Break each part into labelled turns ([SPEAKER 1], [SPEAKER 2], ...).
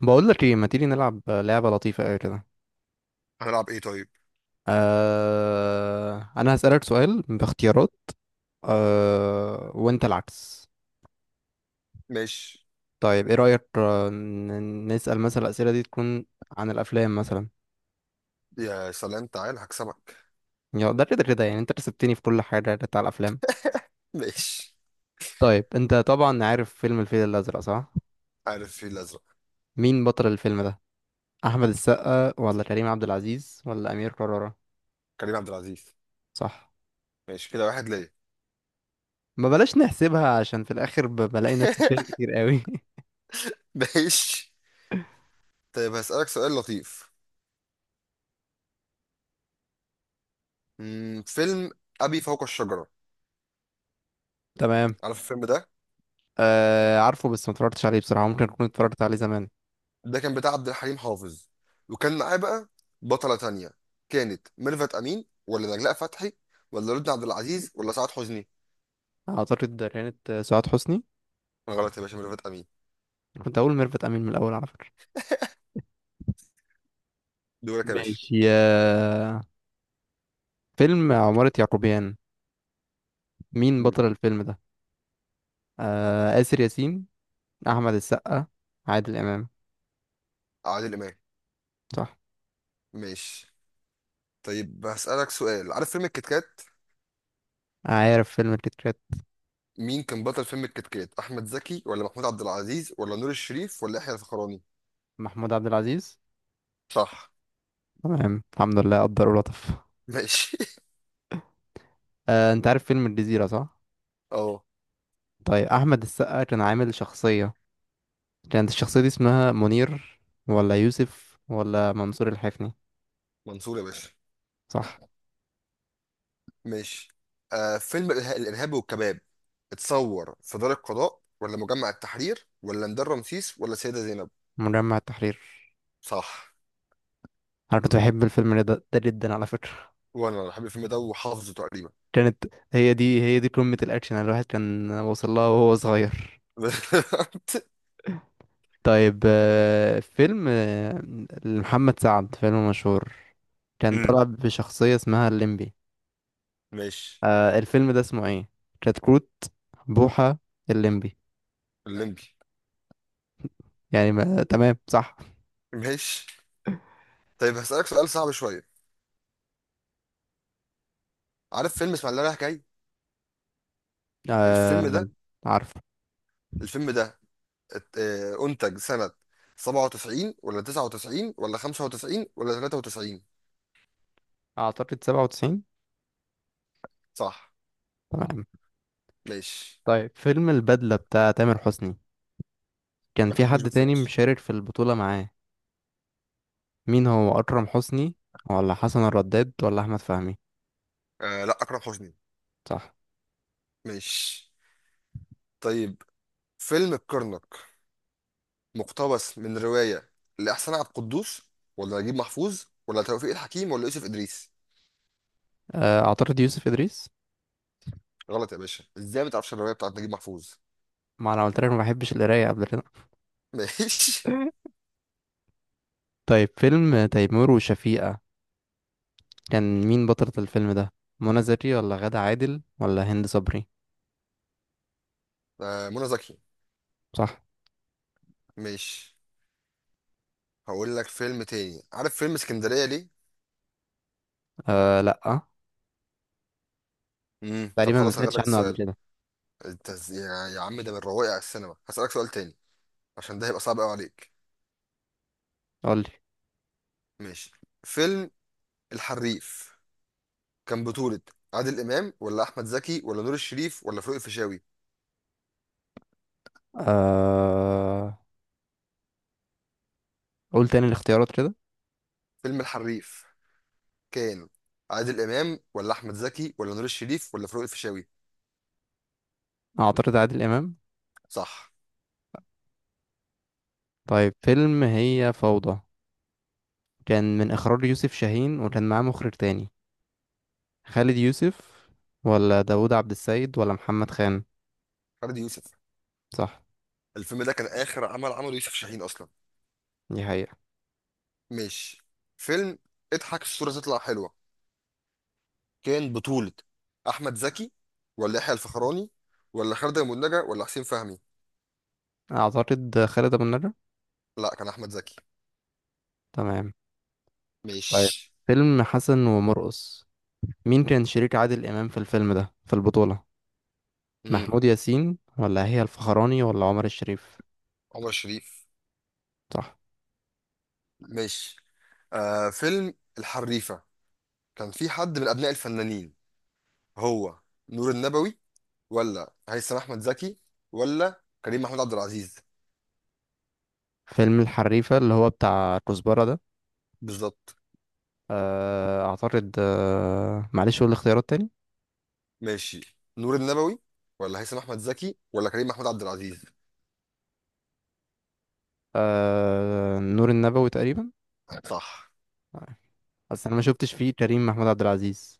[SPEAKER 1] بقول لك ايه، ما تيجي نلعب لعبة لطيفة قوي كده.
[SPEAKER 2] هنلعب ايه طيب؟
[SPEAKER 1] انا هسألك سؤال باختيارات، وانت العكس.
[SPEAKER 2] ماشي.
[SPEAKER 1] طيب ايه رأيك نسأل مثلا الأسئلة دي تكون عن الافلام مثلا.
[SPEAKER 2] يا سلام، تعال هكسبك.
[SPEAKER 1] يا ده كده يعني، انت كسبتني في كل حاجة بتاع الافلام.
[SPEAKER 2] ماشي.
[SPEAKER 1] طيب انت طبعا عارف فيلم الفيل الأزرق صح؟
[SPEAKER 2] عارف في الازرق.
[SPEAKER 1] مين بطل الفيلم ده؟ احمد السقا ولا كريم عبد العزيز ولا امير كرارة؟
[SPEAKER 2] كريم عبد العزيز.
[SPEAKER 1] صح.
[SPEAKER 2] ماشي كده واحد ليا.
[SPEAKER 1] ما بلاش نحسبها عشان في الاخر بلاقي نفسي فيها كتير قوي
[SPEAKER 2] ماشي. طيب هسألك سؤال لطيف. فيلم أبي فوق الشجرة.
[SPEAKER 1] تمام.
[SPEAKER 2] عارف الفيلم ده؟
[SPEAKER 1] آه عارفه، بس ما اتفرجتش عليه بصراحة، ممكن أكون اتفرجت عليه زمان.
[SPEAKER 2] ده كان بتاع عبد الحليم حافظ، وكان معاه بقى بطلة تانية. كانت ميرفت أمين ولا نجلاء فتحي ولا رد عبد العزيز ولا سعاد حسني؟
[SPEAKER 1] أعتقد ده كانت سعاد حسني.
[SPEAKER 2] غلط يا باشا، ميرفت أمين.
[SPEAKER 1] كنت أقول ميرفت أمين من الأول على فكرة.
[SPEAKER 2] دورك يا باشا.
[SPEAKER 1] ماشي يا فيلم عمارة يعقوبيان. مين
[SPEAKER 2] مم.
[SPEAKER 1] بطل الفيلم ده؟ آه، آسر ياسين، أحمد السقا، عادل إمام.
[SPEAKER 2] عادل إمام.
[SPEAKER 1] صح.
[SPEAKER 2] ماشي. طيب هسألك سؤال. عارف فيلم الكيت كات؟
[SPEAKER 1] عارف فيلم الكيت كات.
[SPEAKER 2] مين كان بطل فيلم الكيت كات؟ احمد زكي ولا محمود عبد العزيز ولا نور الشريف ولا يحيى الفخراني؟
[SPEAKER 1] محمود عبد العزيز.
[SPEAKER 2] صح.
[SPEAKER 1] تمام، الحمد لله قدر ولطف.
[SPEAKER 2] ماشي.
[SPEAKER 1] آه، أنت عارف فيلم الجزيرة صح؟
[SPEAKER 2] اه.
[SPEAKER 1] طيب أحمد السقا كان عامل شخصية، كانت الشخصية دي اسمها منير ولا يوسف ولا منصور الحفني؟
[SPEAKER 2] منصور يا باشا.
[SPEAKER 1] صح.
[SPEAKER 2] ماشي. فيلم الارهاب والكباب. اتصور في دار القضاء ولا مجمع التحرير ولا ميدان رمسيس ولا سيدة زينب؟
[SPEAKER 1] مجمع التحرير.
[SPEAKER 2] صح.
[SPEAKER 1] انا كنت بحب الفيلم ده ده جدا على فكرة.
[SPEAKER 2] وانا بحب الفيلم ده وحافظه تقريبا.
[SPEAKER 1] كانت، هي دي قمة الاكشن اللي الواحد كان وصل لها وهو صغير. طيب فيلم لمحمد سعد، فيلم مشهور كان
[SPEAKER 2] أمم.
[SPEAKER 1] طلع بشخصية اسمها الليمبي.
[SPEAKER 2] ماشي.
[SPEAKER 1] الفيلم ده اسمه ايه؟ كتكوت، بوحة، الليمبي.
[SPEAKER 2] الليمبي.
[SPEAKER 1] يعني ما... تمام، صح.
[SPEAKER 2] ماشي. طيب هسألك سؤال صعب شوية. عارف فيلم اسماعيلية رايح جاي؟ الفيلم
[SPEAKER 1] آه...
[SPEAKER 2] ده
[SPEAKER 1] عارف.
[SPEAKER 2] الفيلم ده أنتج سنة 97 ولا 99 ولا 95 ولا 93؟
[SPEAKER 1] اعتقد 97.
[SPEAKER 2] صح.
[SPEAKER 1] تمام.
[SPEAKER 2] ماشي.
[SPEAKER 1] طيب فيلم البدلة بتاع تامر حسني، كان
[SPEAKER 2] ما
[SPEAKER 1] في
[SPEAKER 2] بحبوش،
[SPEAKER 1] حد
[SPEAKER 2] بس
[SPEAKER 1] تاني
[SPEAKER 2] ماشي.
[SPEAKER 1] مشارك في البطولة معاه. مين هو؟ أكرم حسني ولا حسن الرداد ولا أحمد فهمي؟
[SPEAKER 2] لا، أكرم حسني.
[SPEAKER 1] صح.
[SPEAKER 2] ماشي. طيب فيلم الكرنك مقتبس من رواية لإحسان عبد القدوس ولا نجيب محفوظ ولا توفيق الحكيم ولا يوسف إدريس؟
[SPEAKER 1] أعترض، يوسف إدريس.
[SPEAKER 2] غلط يا باشا، إزاي ما تعرفش الرواية بتاعت نجيب محفوظ.
[SPEAKER 1] ما أنا قلت لك ما بحبش القراية قبل كده.
[SPEAKER 2] ماشي.
[SPEAKER 1] طيب فيلم تيمور وشفيقة، كان مين بطلة الفيلم ده؟ منى زكي ولا غادة عادل ولا هند صبري؟
[SPEAKER 2] منى زكي.
[SPEAKER 1] صح.
[SPEAKER 2] ماشي. هقول لك فيلم تاني. عارف فيلم اسكندرية ليه؟
[SPEAKER 1] أه لأ،
[SPEAKER 2] مم. طب
[SPEAKER 1] تقريبا ما
[SPEAKER 2] خلاص هغير
[SPEAKER 1] سمعتش
[SPEAKER 2] لك
[SPEAKER 1] عنه قبل
[SPEAKER 2] السؤال.
[SPEAKER 1] كده.
[SPEAKER 2] انت يا عم، ده من رواقي على السينما. هسألك سؤال تاني عشان ده هيبقى صعب قوي عليك.
[SPEAKER 1] قولي.
[SPEAKER 2] ماشي. فيلم الحريف كان بطولة عادل إمام ولا أحمد زكي ولا نور الشريف ولا فاروق الفيشاوي؟
[SPEAKER 1] أه، قول تاني الاختيارات كده.
[SPEAKER 2] فيلم الحريف كان عادل إمام ولا أحمد زكي ولا نور الشريف ولا فاروق الفيشاوي؟
[SPEAKER 1] أعترض، عادل إمام.
[SPEAKER 2] صح.
[SPEAKER 1] طيب فيلم هي فوضى، كان من إخراج يوسف شاهين وكان معاه مخرج تاني. خالد يوسف ولا داوود عبد السيد ولا محمد خان؟
[SPEAKER 2] فردي يوسف.
[SPEAKER 1] صح.
[SPEAKER 2] الفيلم ده كان آخر عمل عمله يوسف شاهين أصلا.
[SPEAKER 1] دي حقيقة.
[SPEAKER 2] ماشي. فيلم اضحك الصورة تطلع حلوة كان بطولة أحمد زكي ولا يحيى الفخراني ولا خالد أبو النجا ولا حسين فهمي؟
[SPEAKER 1] أعتقد خالد أبو النجا.
[SPEAKER 2] لا، كان أحمد زكي.
[SPEAKER 1] تمام. طيب
[SPEAKER 2] ماشي.
[SPEAKER 1] فيلم حسن ومرقص، مين كان شريك عادل إمام في الفيلم ده في البطولة؟
[SPEAKER 2] امم.
[SPEAKER 1] محمود ياسين ولا هي الفخراني ولا عمر الشريف؟
[SPEAKER 2] عمر شريف.
[SPEAKER 1] صح.
[SPEAKER 2] ماشي. فيلم الحريفة كان في حد من أبناء الفنانين، هو نور النبوي ولا هيثم أحمد زكي ولا كريم محمود عبد العزيز؟
[SPEAKER 1] فيلم الحريفة اللي هو بتاع كزبرة ده،
[SPEAKER 2] بالظبط.
[SPEAKER 1] أعتقد، معلش قول الاختيارات تاني.
[SPEAKER 2] ماشي، نور النبوي ولا هيثم أحمد زكي ولا كريم محمود عبد العزيز؟
[SPEAKER 1] نور النبوي تقريبا.
[SPEAKER 2] صح.
[SPEAKER 1] آه، بس أنا ما شفتش فيه كريم محمود عبد العزيز.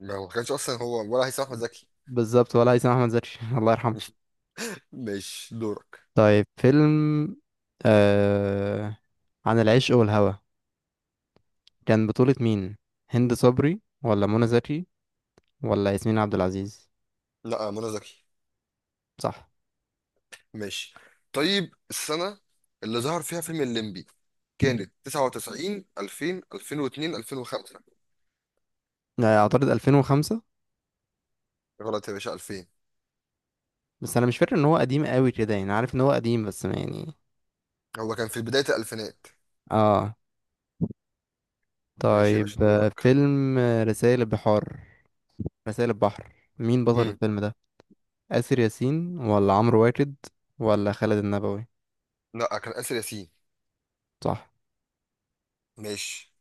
[SPEAKER 2] ما هو ما كانش أصلا هو ولا هيثم أحمد زكي.
[SPEAKER 1] بالظبط، ولا هيثم احمد زكي الله يرحمه.
[SPEAKER 2] ماشي دورك.
[SPEAKER 1] طيب فيلم آه عن العشق والهوى، كان بطولة مين؟ هند صبري ولا منى زكي ولا ياسمين عبد العزيز؟
[SPEAKER 2] لا، منى زكي.
[SPEAKER 1] صح.
[SPEAKER 2] ماشي. طيب السنة اللي ظهر فيها فيلم الليمبي كانت 99 2000 2002 2005؟
[SPEAKER 1] اعترض، 2005.
[SPEAKER 2] غلط يا باشا، 2000.
[SPEAKER 1] بس انا مش فاكر ان هو قديم قوي كده، يعني عارف ان هو قديم بس ما يعني.
[SPEAKER 2] هو كان في بداية الألفينات.
[SPEAKER 1] اه.
[SPEAKER 2] ماشي يا باشا
[SPEAKER 1] طيب آه،
[SPEAKER 2] دورك.
[SPEAKER 1] فيلم آه، رسائل البحار رسائل البحر، مين بطل
[SPEAKER 2] امم.
[SPEAKER 1] الفيلم ده؟ آسر ياسين ولا عمرو واكد ولا خالد النبوي؟
[SPEAKER 2] لا، كان آسر ياسين.
[SPEAKER 1] صح.
[SPEAKER 2] ماشي.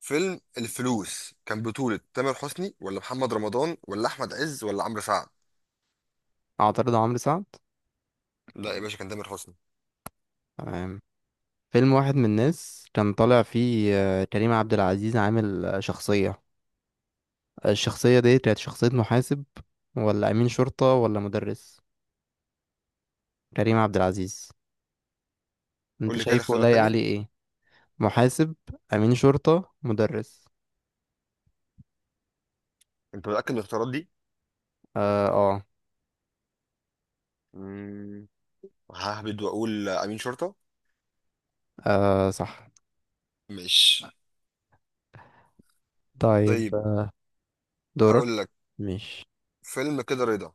[SPEAKER 2] فيلم الفلوس كان بطولة تامر حسني ولا محمد رمضان ولا أحمد عز ولا عمرو سعد؟
[SPEAKER 1] اعترض عمرو سعد.
[SPEAKER 2] لا يا باشا، كان تامر حسني.
[SPEAKER 1] تمام. فيلم واحد من الناس، كان طالع فيه كريم عبد العزيز عامل شخصية، الشخصية دي كانت شخصية محاسب ولا أمين شرطة ولا مدرس. كريم عبد العزيز، انت
[SPEAKER 2] قول لي كده
[SPEAKER 1] شايفه
[SPEAKER 2] الاختيارات
[SPEAKER 1] لايق
[SPEAKER 2] تاني.
[SPEAKER 1] عليه ايه؟ محاسب، أمين شرطة، مدرس.
[SPEAKER 2] أنت متأكد من الاختيارات دي؟
[SPEAKER 1] اه.
[SPEAKER 2] امم. ههبد وأقول أمين شرطة.
[SPEAKER 1] آه صح.
[SPEAKER 2] ماشي.
[SPEAKER 1] طيب
[SPEAKER 2] طيب
[SPEAKER 1] دورك.
[SPEAKER 2] هقول لك
[SPEAKER 1] مش.
[SPEAKER 2] فيلم كده رضا.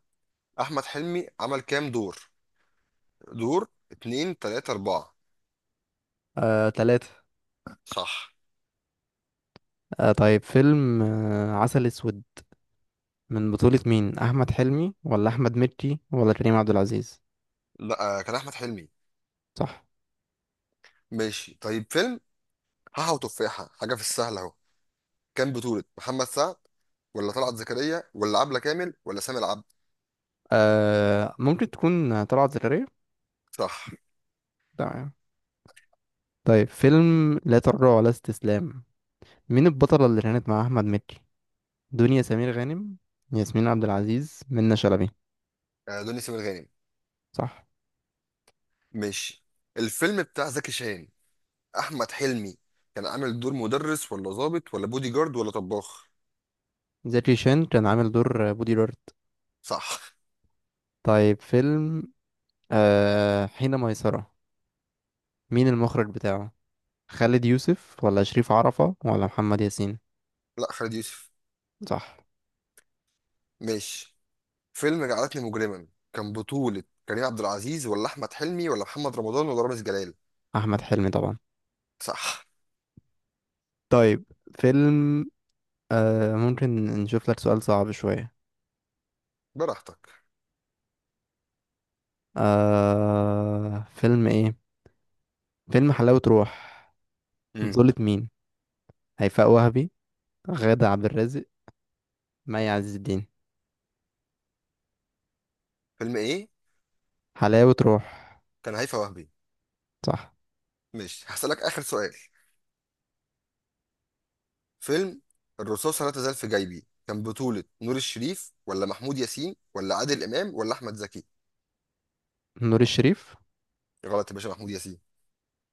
[SPEAKER 2] احمد حلمي عمل كام دور؟ دور، اتنين، تلاتة، اربعة؟
[SPEAKER 1] آه، تلاتة.
[SPEAKER 2] صح.
[SPEAKER 1] آه طيب فيلم آه عسل أسود، من بطولة مين؟ أحمد حلمي ولا أحمد مكي ولا كريم عبد العزيز؟
[SPEAKER 2] لا، كان احمد حلمي.
[SPEAKER 1] صح.
[SPEAKER 2] ماشي. طيب فيلم حاحة وتفاحة حاجة في السهل اهو كان بطولة محمد سعد ولا طلعت زكريا ولا عبلة كامل ولا سامي العبد؟
[SPEAKER 1] آه ممكن تكون طلعت زكريا.
[SPEAKER 2] صح.
[SPEAKER 1] تمام. طيب فيلم لا تراجع ولا استسلام، مين البطلة اللي كانت مع أحمد مكي؟ دنيا سمير غانم، ياسمين عبد العزيز، منة شلبي.
[SPEAKER 2] دنيا سمير غانم.
[SPEAKER 1] صح.
[SPEAKER 2] ماشي. الفيلم بتاع زكي شان، احمد حلمي كان عامل دور مدرس ولا ضابط ولا بودي جارد ولا طباخ؟
[SPEAKER 1] زكي شان كان عامل دور بودي جارد.
[SPEAKER 2] صح.
[SPEAKER 1] طيب فيلم حين ميسرة، مين المخرج بتاعه؟ خالد يوسف ولا شريف عرفة ولا محمد ياسين؟
[SPEAKER 2] لا، خالد يوسف.
[SPEAKER 1] صح.
[SPEAKER 2] ماشي. فيلم جعلتني مجرما كان بطولة كريم عبد العزيز ولا أحمد حلمي ولا محمد رمضان ولا رامز جلال؟
[SPEAKER 1] أحمد حلمي طبعا.
[SPEAKER 2] صح.
[SPEAKER 1] طيب فيلم، آه ممكن نشوف لك سؤال صعب شوية.
[SPEAKER 2] براحتك.
[SPEAKER 1] آه فيلم إيه؟ فيلم حلاوة روح،
[SPEAKER 2] امم.
[SPEAKER 1] بطولة مين؟ هيفاء وهبي، غادة عبد الرازق، مي عز الدين.
[SPEAKER 2] فيلم إيه؟
[SPEAKER 1] حلاوة روح.
[SPEAKER 2] كان هيفاء وهبي.
[SPEAKER 1] صح.
[SPEAKER 2] ماشي، هسألك آخر سؤال. فيلم الرصاصة لا تزال في جيبي كان بطولة نور الشريف ولا محمود ياسين ولا عادل إمام ولا أحمد زكي؟
[SPEAKER 1] نور الشريف.
[SPEAKER 2] غلط يا باشا، محمود ياسين.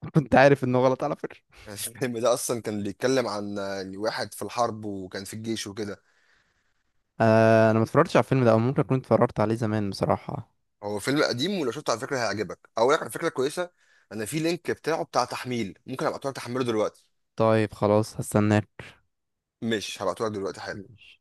[SPEAKER 1] كنت عارف انه غلط على فكرة.
[SPEAKER 2] الفيلم ده أصلا كان بيتكلم عن واحد في الحرب وكان في الجيش وكده.
[SPEAKER 1] آه انا ما اتفرجتش على الفيلم ده، او ممكن اكون اتفرجت عليه زمان بصراحة.
[SPEAKER 2] هو فيلم قديم، ولو شفته على فكرة هيعجبك، أقول لك على فكرة كويسة. أنا في لينك بتاعه بتاع تحميل، ممكن أبعته لك تحمله دلوقتي.
[SPEAKER 1] طيب خلاص هستناك.
[SPEAKER 2] مش هبعتهولك دلوقتي حالا.
[SPEAKER 1] ماشي.